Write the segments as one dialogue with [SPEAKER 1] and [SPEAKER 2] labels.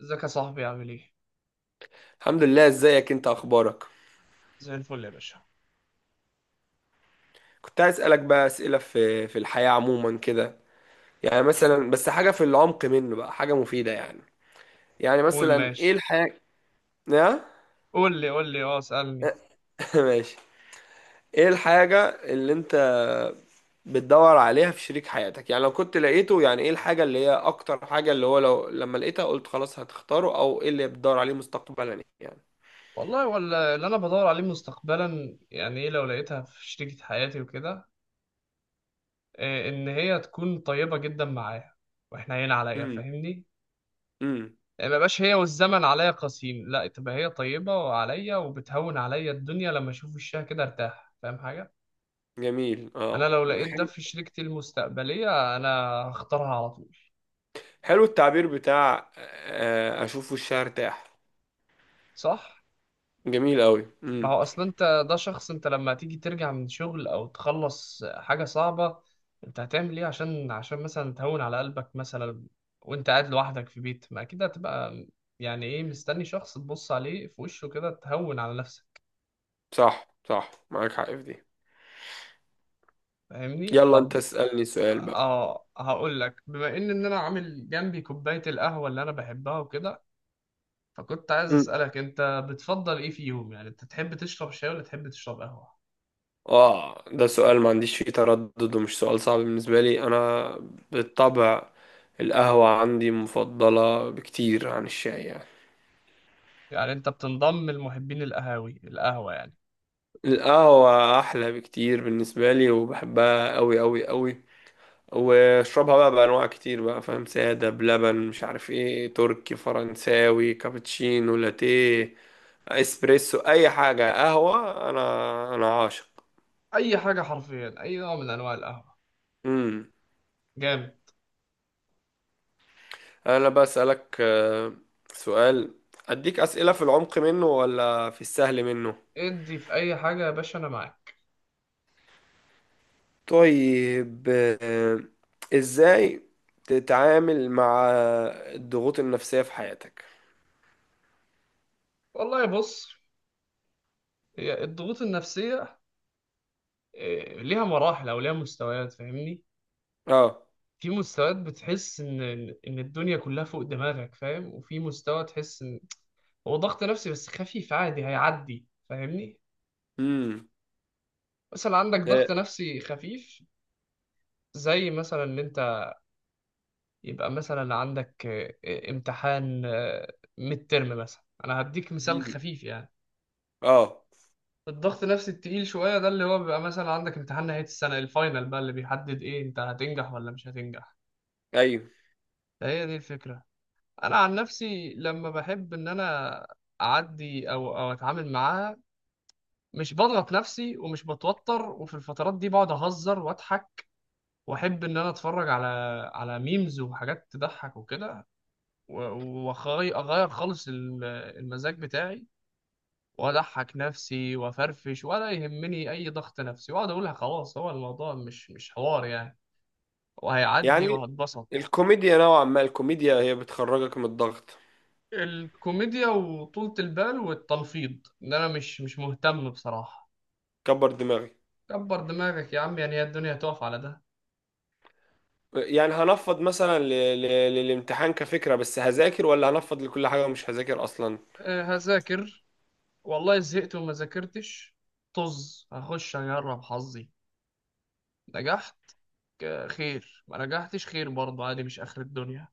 [SPEAKER 1] ازيك يا صاحبي؟ عامل ايه؟
[SPEAKER 2] الحمد لله، ازيك انت؟ اخبارك؟
[SPEAKER 1] زي الفل يا باشا.
[SPEAKER 2] كنت عايز اسالك بقى اسئله في الحياه عموما كده. يعني مثلا بس حاجه في العمق منه بقى، حاجه مفيده يعني. يعني
[SPEAKER 1] قول
[SPEAKER 2] مثلا ايه
[SPEAKER 1] ماشي.
[SPEAKER 2] الحاجه؟ يا...
[SPEAKER 1] قول لي، قول لي، اه اسألني.
[SPEAKER 2] ماشي. ايه الحاجه اللي انت بتدور عليها في شريك حياتك؟ يعني لو كنت لقيته، يعني ايه الحاجه اللي هي اكتر حاجه اللي هو لو لما لقيتها قلت خلاص هتختاره، او ايه اللي بتدور عليه مستقبلا يعني؟
[SPEAKER 1] والله ولا اللي انا بدور عليه مستقبلا، يعني ايه لو لقيتها في شريكة حياتي وكده. إيه ان هي تكون طيبة جدا معايا، واحنا هنا عليا،
[SPEAKER 2] امم.
[SPEAKER 1] فاهمني؟
[SPEAKER 2] امم.
[SPEAKER 1] يعني ما يبقاش هي والزمن عليا قاسيين، لا تبقى هي طيبة عليا وبتهون عليا الدنيا، لما اشوف وشها كده ارتاح، فاهم حاجة؟
[SPEAKER 2] جميل،
[SPEAKER 1] انا
[SPEAKER 2] اه.
[SPEAKER 1] لو لقيت ده
[SPEAKER 2] حلو.
[SPEAKER 1] في شريكتي المستقبلية، انا هختارها على طول.
[SPEAKER 2] حلو التعبير بتاع، اشوفه الشهر تاح.
[SPEAKER 1] صح؟
[SPEAKER 2] جميل قوي،
[SPEAKER 1] ما
[SPEAKER 2] امم.
[SPEAKER 1] هو اصل انت ده شخص، انت لما تيجي ترجع من شغل او تخلص حاجة صعبة، انت هتعمل ايه عشان مثلا تهون على قلبك مثلا، وانت قاعد لوحدك في بيت، ما اكيد هتبقى ايه، مستني شخص تبص عليه في وشه كده تهون على نفسك.
[SPEAKER 2] صح، صح، معاك حق في دي.
[SPEAKER 1] فاهمني؟
[SPEAKER 2] يلا انت
[SPEAKER 1] طب
[SPEAKER 2] اسألني سؤال بقى.
[SPEAKER 1] اه، هقول لك، بما ان انا عامل جنبي كوباية القهوة اللي انا بحبها وكده، فكنت عايز
[SPEAKER 2] مم.
[SPEAKER 1] اسألك انت بتفضل ايه فيهم؟ يعني انت تحب تشرب شاي ولا تحب تشرب قهوة؟
[SPEAKER 2] اه ده سؤال ما عنديش فيه تردد ومش سؤال صعب بالنسبة لي انا. بالطبع القهوة عندي مفضلة بكتير عن الشاي يعني.
[SPEAKER 1] يعني انت بتنضم لمحبين القهاوي، القهوة يعني.
[SPEAKER 2] القهوة احلى بكتير بالنسبة لي وبحبها قوي قوي قوي. واشربها بقى بانواع كتير بقى، فاهم، سادة، بلبن، مش عارف ايه، تركي، فرنساوي، كابتشينو، لاتيه، اسبريسو، اي حاجه قهوه انا عاشق.
[SPEAKER 1] اي حاجه حرفيا، اي نوع من انواع القهوه،
[SPEAKER 2] امم.
[SPEAKER 1] جامد.
[SPEAKER 2] انا بسالك سؤال. اديك اسئله في العمق منه ولا في السهل منه؟
[SPEAKER 1] ادي في اي حاجه يا باشا، انا معاك.
[SPEAKER 2] طيب. آه. ازاي تتعامل مع الضغوط النفسيه في حياتك؟
[SPEAKER 1] والله بص، هي الضغوط النفسيه ليها مراحل او ليها مستويات فاهمني.
[SPEAKER 2] اه.
[SPEAKER 1] في مستويات بتحس ان الدنيا كلها فوق دماغك فاهم، وفي مستوى تحس ان هو ضغط نفسي بس خفيف عادي هيعدي، فاهمني؟
[SPEAKER 2] امم.
[SPEAKER 1] مثلا عندك
[SPEAKER 2] اه.
[SPEAKER 1] ضغط نفسي خفيف، زي مثلا ان انت يبقى مثلا عندك امتحان ميد ترم مثلا، انا هديك مثال
[SPEAKER 2] مم.
[SPEAKER 1] خفيف يعني.
[SPEAKER 2] آه.
[SPEAKER 1] الضغط النفسي التقيل شوية ده اللي هو بيبقى مثلا عندك امتحان نهاية السنة، الفاينل بقى اللي بيحدد ايه انت هتنجح ولا مش هتنجح.
[SPEAKER 2] ايوه.
[SPEAKER 1] فهي دي الفكرة. انا عن نفسي لما بحب ان انا اعدي او اتعامل معاها، مش بضغط نفسي ومش بتوتر، وفي الفترات دي بقعد اهزر واضحك، واحب ان انا اتفرج على ميمز وحاجات تضحك وكده، واغير خالص المزاج بتاعي، واضحك نفسي وافرفش، ولا يهمني اي ضغط نفسي، واقعد اقولها خلاص، هو الموضوع مش حوار يعني، وهيعدي
[SPEAKER 2] يعني
[SPEAKER 1] وهتبسط.
[SPEAKER 2] الكوميديا نوعا ما، الكوميديا هي بتخرجك من الضغط.
[SPEAKER 1] الكوميديا وطولة البال والتلفيظ، ان انا مش مهتم بصراحة.
[SPEAKER 2] كبر دماغك.
[SPEAKER 1] كبر دماغك يا عم، يعني هي الدنيا هتقف على ده؟
[SPEAKER 2] يعني هنفض مثلا، ل... للامتحان كفكرة بس هذاكر، ولا هنفض لكل حاجة ومش هذاكر أصلا.
[SPEAKER 1] أه هذاكر، والله زهقت وما ذاكرتش، طز هخش اجرب حظي، نجحت خير، ما نجحتش خير برضه عادي، مش اخر الدنيا.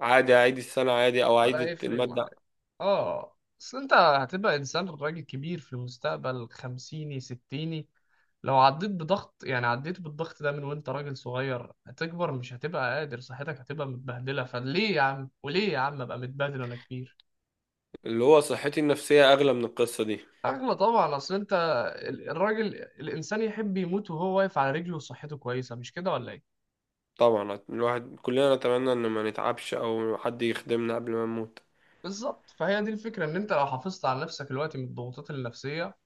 [SPEAKER 2] عادي، أعيد السنة عادي، أو
[SPEAKER 1] ولا
[SPEAKER 2] أعيد
[SPEAKER 1] يفرق.
[SPEAKER 2] المادة.
[SPEAKER 1] اه، اصل انت هتبقى انسان راجل كبير في المستقبل، خمسيني ستيني، لو عديت بضغط، يعني عديت بالضغط ده من وانت راجل صغير، هتكبر مش هتبقى قادر، صحتك هتبقى متبهدله، فليه يا عم، وليه يا عم ابقى متبهدل وانا كبير؟
[SPEAKER 2] اللي هو صحتي النفسية أغلى من القصة دي.
[SPEAKER 1] اغلى طبعا. اصل انت الراجل الانسان يحب يموت وهو واقف على رجله وصحته كويسه، مش كده ولا ايه؟
[SPEAKER 2] طبعا، الواحد كلنا نتمنى إن ما نتعبش أو حد يخدمنا قبل ما نموت.
[SPEAKER 1] بالظبط، فهي دي الفكره، ان انت لو حافظت على نفسك الوقت من الضغوطات النفسيه،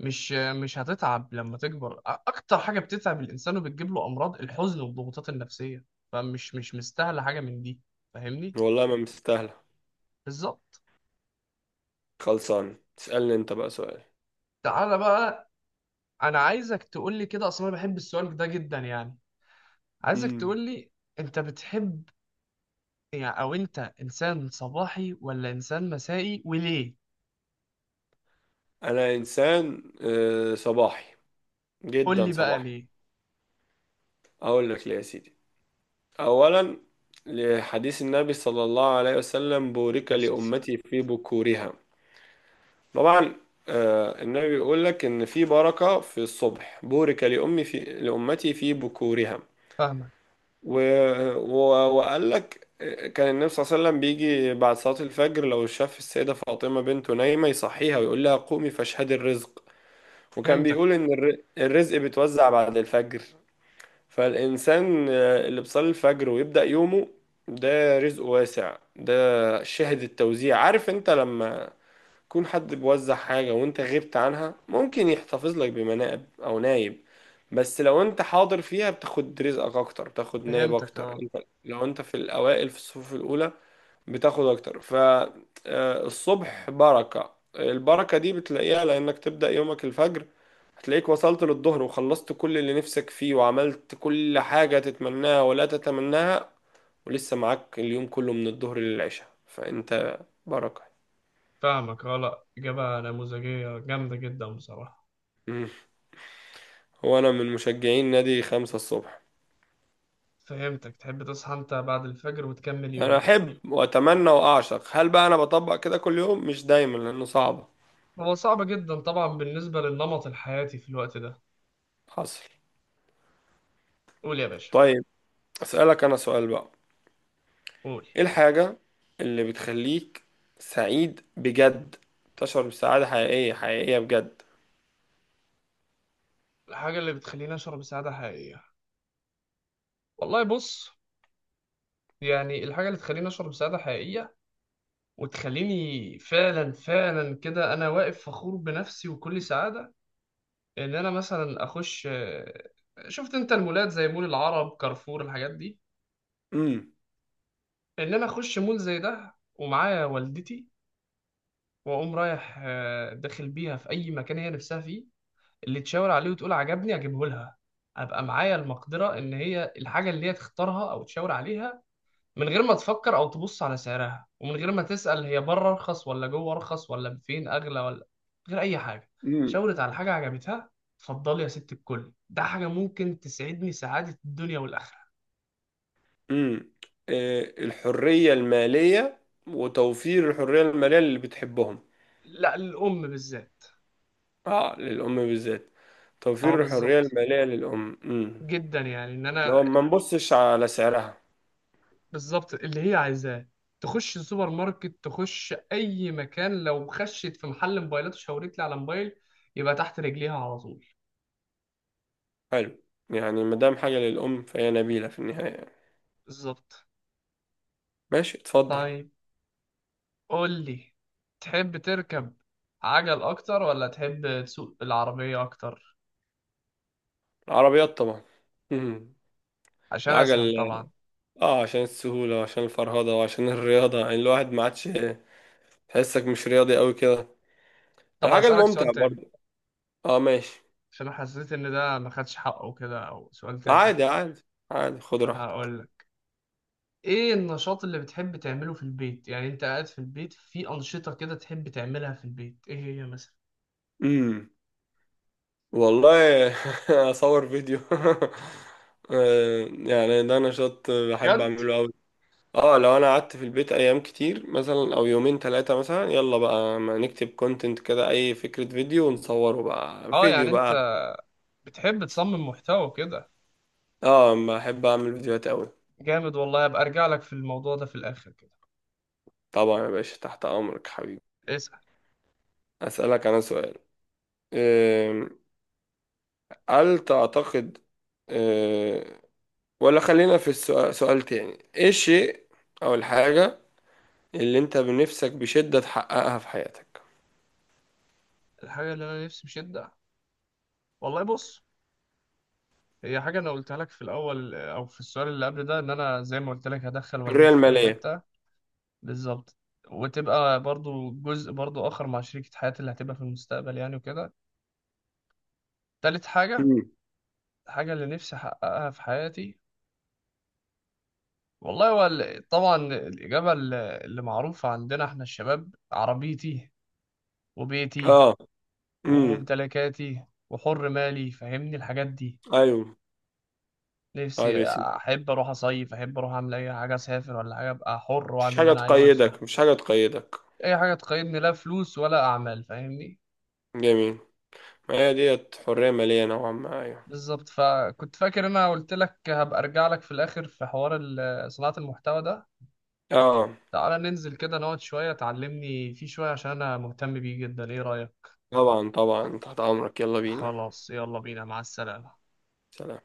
[SPEAKER 1] مش هتتعب لما تكبر. اكتر حاجه بتتعب الانسان وبتجيب له امراض، الحزن والضغوطات النفسيه، فمش مش مستاهله حاجه من دي. فاهمني؟
[SPEAKER 2] والله ما مستاهلة.
[SPEAKER 1] بالظبط.
[SPEAKER 2] خلصان، اسألني أنت بقى سؤال.
[SPEAKER 1] تعالى بقى، انا عايزك تقول لي كده، اصلا انا بحب السؤال ده جدا يعني. عايزك تقول
[SPEAKER 2] مم.
[SPEAKER 1] لي انت بتحب، يعني او انت انسان صباحي ولا انسان مسائي، وليه؟
[SPEAKER 2] أنا إنسان صباحي،
[SPEAKER 1] قول
[SPEAKER 2] جدا
[SPEAKER 1] لي بقى
[SPEAKER 2] صباحي.
[SPEAKER 1] ليه.
[SPEAKER 2] أقول لك ليه يا سيدي. أولا، لحديث النبي صلى الله عليه وسلم: بورك
[SPEAKER 1] بس بس-
[SPEAKER 2] لأمتي في بكورها. طبعا. النبي بيقول لك إن في بركة في الصبح، بورك لأمي في لأمتي في بكورها.
[SPEAKER 1] فاهمك.
[SPEAKER 2] و... و... وقال لك كان النبي صلى الله عليه وسلم بيجي بعد صلاة الفجر، لو شاف السيدة فاطمة بنته نايمة يصحيها ويقول لها قومي فاشهدي الرزق. وكان
[SPEAKER 1] فهمتك.
[SPEAKER 2] بيقول إن الرزق بيتوزع بعد الفجر. فالإنسان اللي بيصلي الفجر ويبدأ يومه، ده رزق واسع، ده شاهد التوزيع. عارف انت لما يكون حد بيوزع حاجة وانت غبت عنها ممكن يحتفظ لك بمناقب أو نايب، بس لو انت حاضر فيها بتاخد رزقك أكتر، بتاخد نايب
[SPEAKER 1] فهمتك
[SPEAKER 2] أكتر
[SPEAKER 1] اه.
[SPEAKER 2] انت. لو انت في الأوائل في الصفوف الأولى بتاخد اكتر. فالصبح بركة، البركة دي بتلاقيها لانك تبدأ يومك الفجر. هتلاقيك وصلت للظهر وخلصت كل اللي نفسك فيه وعملت كل حاجة تتمناها ولا تتمناها، ولسه معاك اليوم كله من الظهر للعشاء، فانت بركة.
[SPEAKER 1] فاهمك اه، لا اجابه نموذجيه جامده جدا بصراحه.
[SPEAKER 2] مم. هو انا من مشجعين نادي 5 الصبح.
[SPEAKER 1] فهمتك، تحب تصحى انت بعد الفجر وتكمل
[SPEAKER 2] انا
[SPEAKER 1] يومك.
[SPEAKER 2] احب واتمنى واعشق، هل بقى انا بطبق كده كل يوم؟ مش دايما لانه صعبة.
[SPEAKER 1] هو صعب جدا طبعا بالنسبة للنمط الحياتي في الوقت ده.
[SPEAKER 2] حصل.
[SPEAKER 1] قول يا باشا،
[SPEAKER 2] طيب، اسألك انا سؤال بقى.
[SPEAKER 1] قول.
[SPEAKER 2] ايه الحاجة اللي بتخليك سعيد بجد؟ تشعر بسعادة حقيقية حقيقية بجد؟
[SPEAKER 1] الحاجة اللي بتخليني أشعر بسعادة حقيقية، والله بص، يعني الحاجة اللي تخليني أشعر بسعادة حقيقية وتخليني فعلا، فعلا كده أنا واقف فخور بنفسي وكل سعادة، إن أنا مثلا أخش شفت أنت المولات زي مول العرب، كارفور، الحاجات دي،
[SPEAKER 2] امم.
[SPEAKER 1] إن أنا أخش مول زي ده ومعايا والدتي، واقوم رايح داخل بيها في اي مكان هي نفسها فيه، اللي تشاور عليه وتقول عجبني اجيبه لها، ابقى معايا المقدره ان هي الحاجه اللي هي تختارها او تشاور عليها، من غير ما تفكر او تبص على سعرها، ومن غير ما تسال هي بره ارخص ولا جوه ارخص ولا فين اغلى ولا من غير اي حاجه،
[SPEAKER 2] امم.
[SPEAKER 1] شاورت على حاجه عجبتها، اتفضلي يا ست الكل. ده حاجه ممكن تسعدني سعاده الدنيا والاخره.
[SPEAKER 2] امم. إيه الحرية المالية وتوفير الحرية المالية اللي بتحبهم.
[SPEAKER 1] لا، الام بالذات.
[SPEAKER 2] اه للأم بالذات.
[SPEAKER 1] اه
[SPEAKER 2] توفير الحرية
[SPEAKER 1] بالظبط،
[SPEAKER 2] المالية للأم، امم.
[SPEAKER 1] جدا يعني ان
[SPEAKER 2] لو
[SPEAKER 1] انا.
[SPEAKER 2] ما نبصش على سعرها.
[SPEAKER 1] بالظبط اللي هي عايزاه، تخش السوبر ماركت، تخش اي مكان، لو خشت في محل موبايلات وشاورت لي على موبايل، يبقى تحت رجليها على طول.
[SPEAKER 2] حلو. يعني ما دام حاجة للأم فهي نبيلة في النهاية يعني.
[SPEAKER 1] بالظبط.
[SPEAKER 2] ماشي اتفضل.
[SPEAKER 1] طيب قول لي، تحب تركب عجل اكتر ولا تحب تسوق العربية اكتر؟
[SPEAKER 2] العربيات طبعا. امم.
[SPEAKER 1] عشان اسهل
[SPEAKER 2] العجل؟
[SPEAKER 1] طبعا.
[SPEAKER 2] اه عشان السهولة وعشان الفرهدة وعشان الرياضة، يعني الواحد ما عادش. تحسك مش رياضي قوي كده.
[SPEAKER 1] طب
[SPEAKER 2] الحاجة
[SPEAKER 1] هسألك سؤال
[SPEAKER 2] الممتعة
[SPEAKER 1] تاني،
[SPEAKER 2] برضه. اه ماشي.
[SPEAKER 1] عشان حسيت ان ده ما خدش حقه كده، او سؤال تافه.
[SPEAKER 2] عادي عادي عادي، خد راحتك.
[SPEAKER 1] هقول لك، ايه النشاط اللي بتحب تعمله في البيت؟ يعني انت قاعد في البيت، في انشطة كده تحب تعملها في البيت، ايه هي مثلا؟
[SPEAKER 2] امم. والله، اصور فيديو يعني ده نشاط بحب
[SPEAKER 1] بجد؟
[SPEAKER 2] اعمله قوي. اه لو انا قعدت في البيت ايام كتير مثلا، او يومين ثلاثة مثلا، يلا بقى ما نكتب كونتنت كده، اي فكرة فيديو ونصوره بقى،
[SPEAKER 1] اه
[SPEAKER 2] فيديو
[SPEAKER 1] يعني انت
[SPEAKER 2] بقى.
[SPEAKER 1] بتحب تصمم محتوى كده؟
[SPEAKER 2] اه بحب اعمل فيديوهات قوي.
[SPEAKER 1] جامد والله، ابقى ارجع لك في الموضوع ده في الاخر كده.
[SPEAKER 2] طبعا يا باشا، تحت امرك حبيبي.
[SPEAKER 1] اسأل.
[SPEAKER 2] أسألك أنا سؤال. أم، هل تعتقد أه، ولا خلينا في سؤال تاني؟ إيه الشيء أو الحاجة اللي أنت بنفسك بشدة تحققها في حياتك؟
[SPEAKER 1] الحاجة اللي انا نفسي بشدة، والله بص، هي حاجة أنا قلتها لك في الأول أو في السؤال اللي قبل ده، إن أنا زي ما قلت لك هدخل
[SPEAKER 2] الحرية
[SPEAKER 1] والدتي في أي
[SPEAKER 2] المالية.
[SPEAKER 1] حتة. بالظبط. وتبقى برضو جزء برضو آخر مع شريكة حياتي اللي هتبقى في المستقبل يعني وكده. تالت حاجة،
[SPEAKER 2] امم.
[SPEAKER 1] الحاجة اللي نفسي أحققها في حياتي، والله هو طبعا الإجابة اللي معروفة عندنا إحنا الشباب، عربيتي وبيتي
[SPEAKER 2] آه. امم.
[SPEAKER 1] وممتلكاتي وحر مالي، فاهمني الحاجات دي.
[SPEAKER 2] أيوه. طيب
[SPEAKER 1] نفسي،
[SPEAKER 2] يا سيدي.
[SPEAKER 1] احب اروح اصيف، احب اروح اعمل اي حاجه، اسافر ولا حاجه، ابقى حر
[SPEAKER 2] مش
[SPEAKER 1] واعمل اللي
[SPEAKER 2] حاجة
[SPEAKER 1] انا عايزه بسهوله،
[SPEAKER 2] تقيدك، مش حاجة تقيدك.
[SPEAKER 1] اي حاجه تقيدني، لا فلوس ولا اعمال، فاهمني.
[SPEAKER 2] جميل. ما هي ديت حرية مالية نوعا ما، أيوه.
[SPEAKER 1] بالظبط. فكنت فاكر انا قلت لك هبقى ارجع لك في الاخر في حوار صناعه المحتوى ده.
[SPEAKER 2] آه.
[SPEAKER 1] تعالى ننزل كده نقعد شويه، تعلمني فيه شويه، عشان انا مهتم بيه جدا، ايه رايك؟
[SPEAKER 2] طبعا طبعا، تحت أمرك، يلا بينا.
[SPEAKER 1] خلاص يلا بينا، مع السلامه.
[SPEAKER 2] سلام.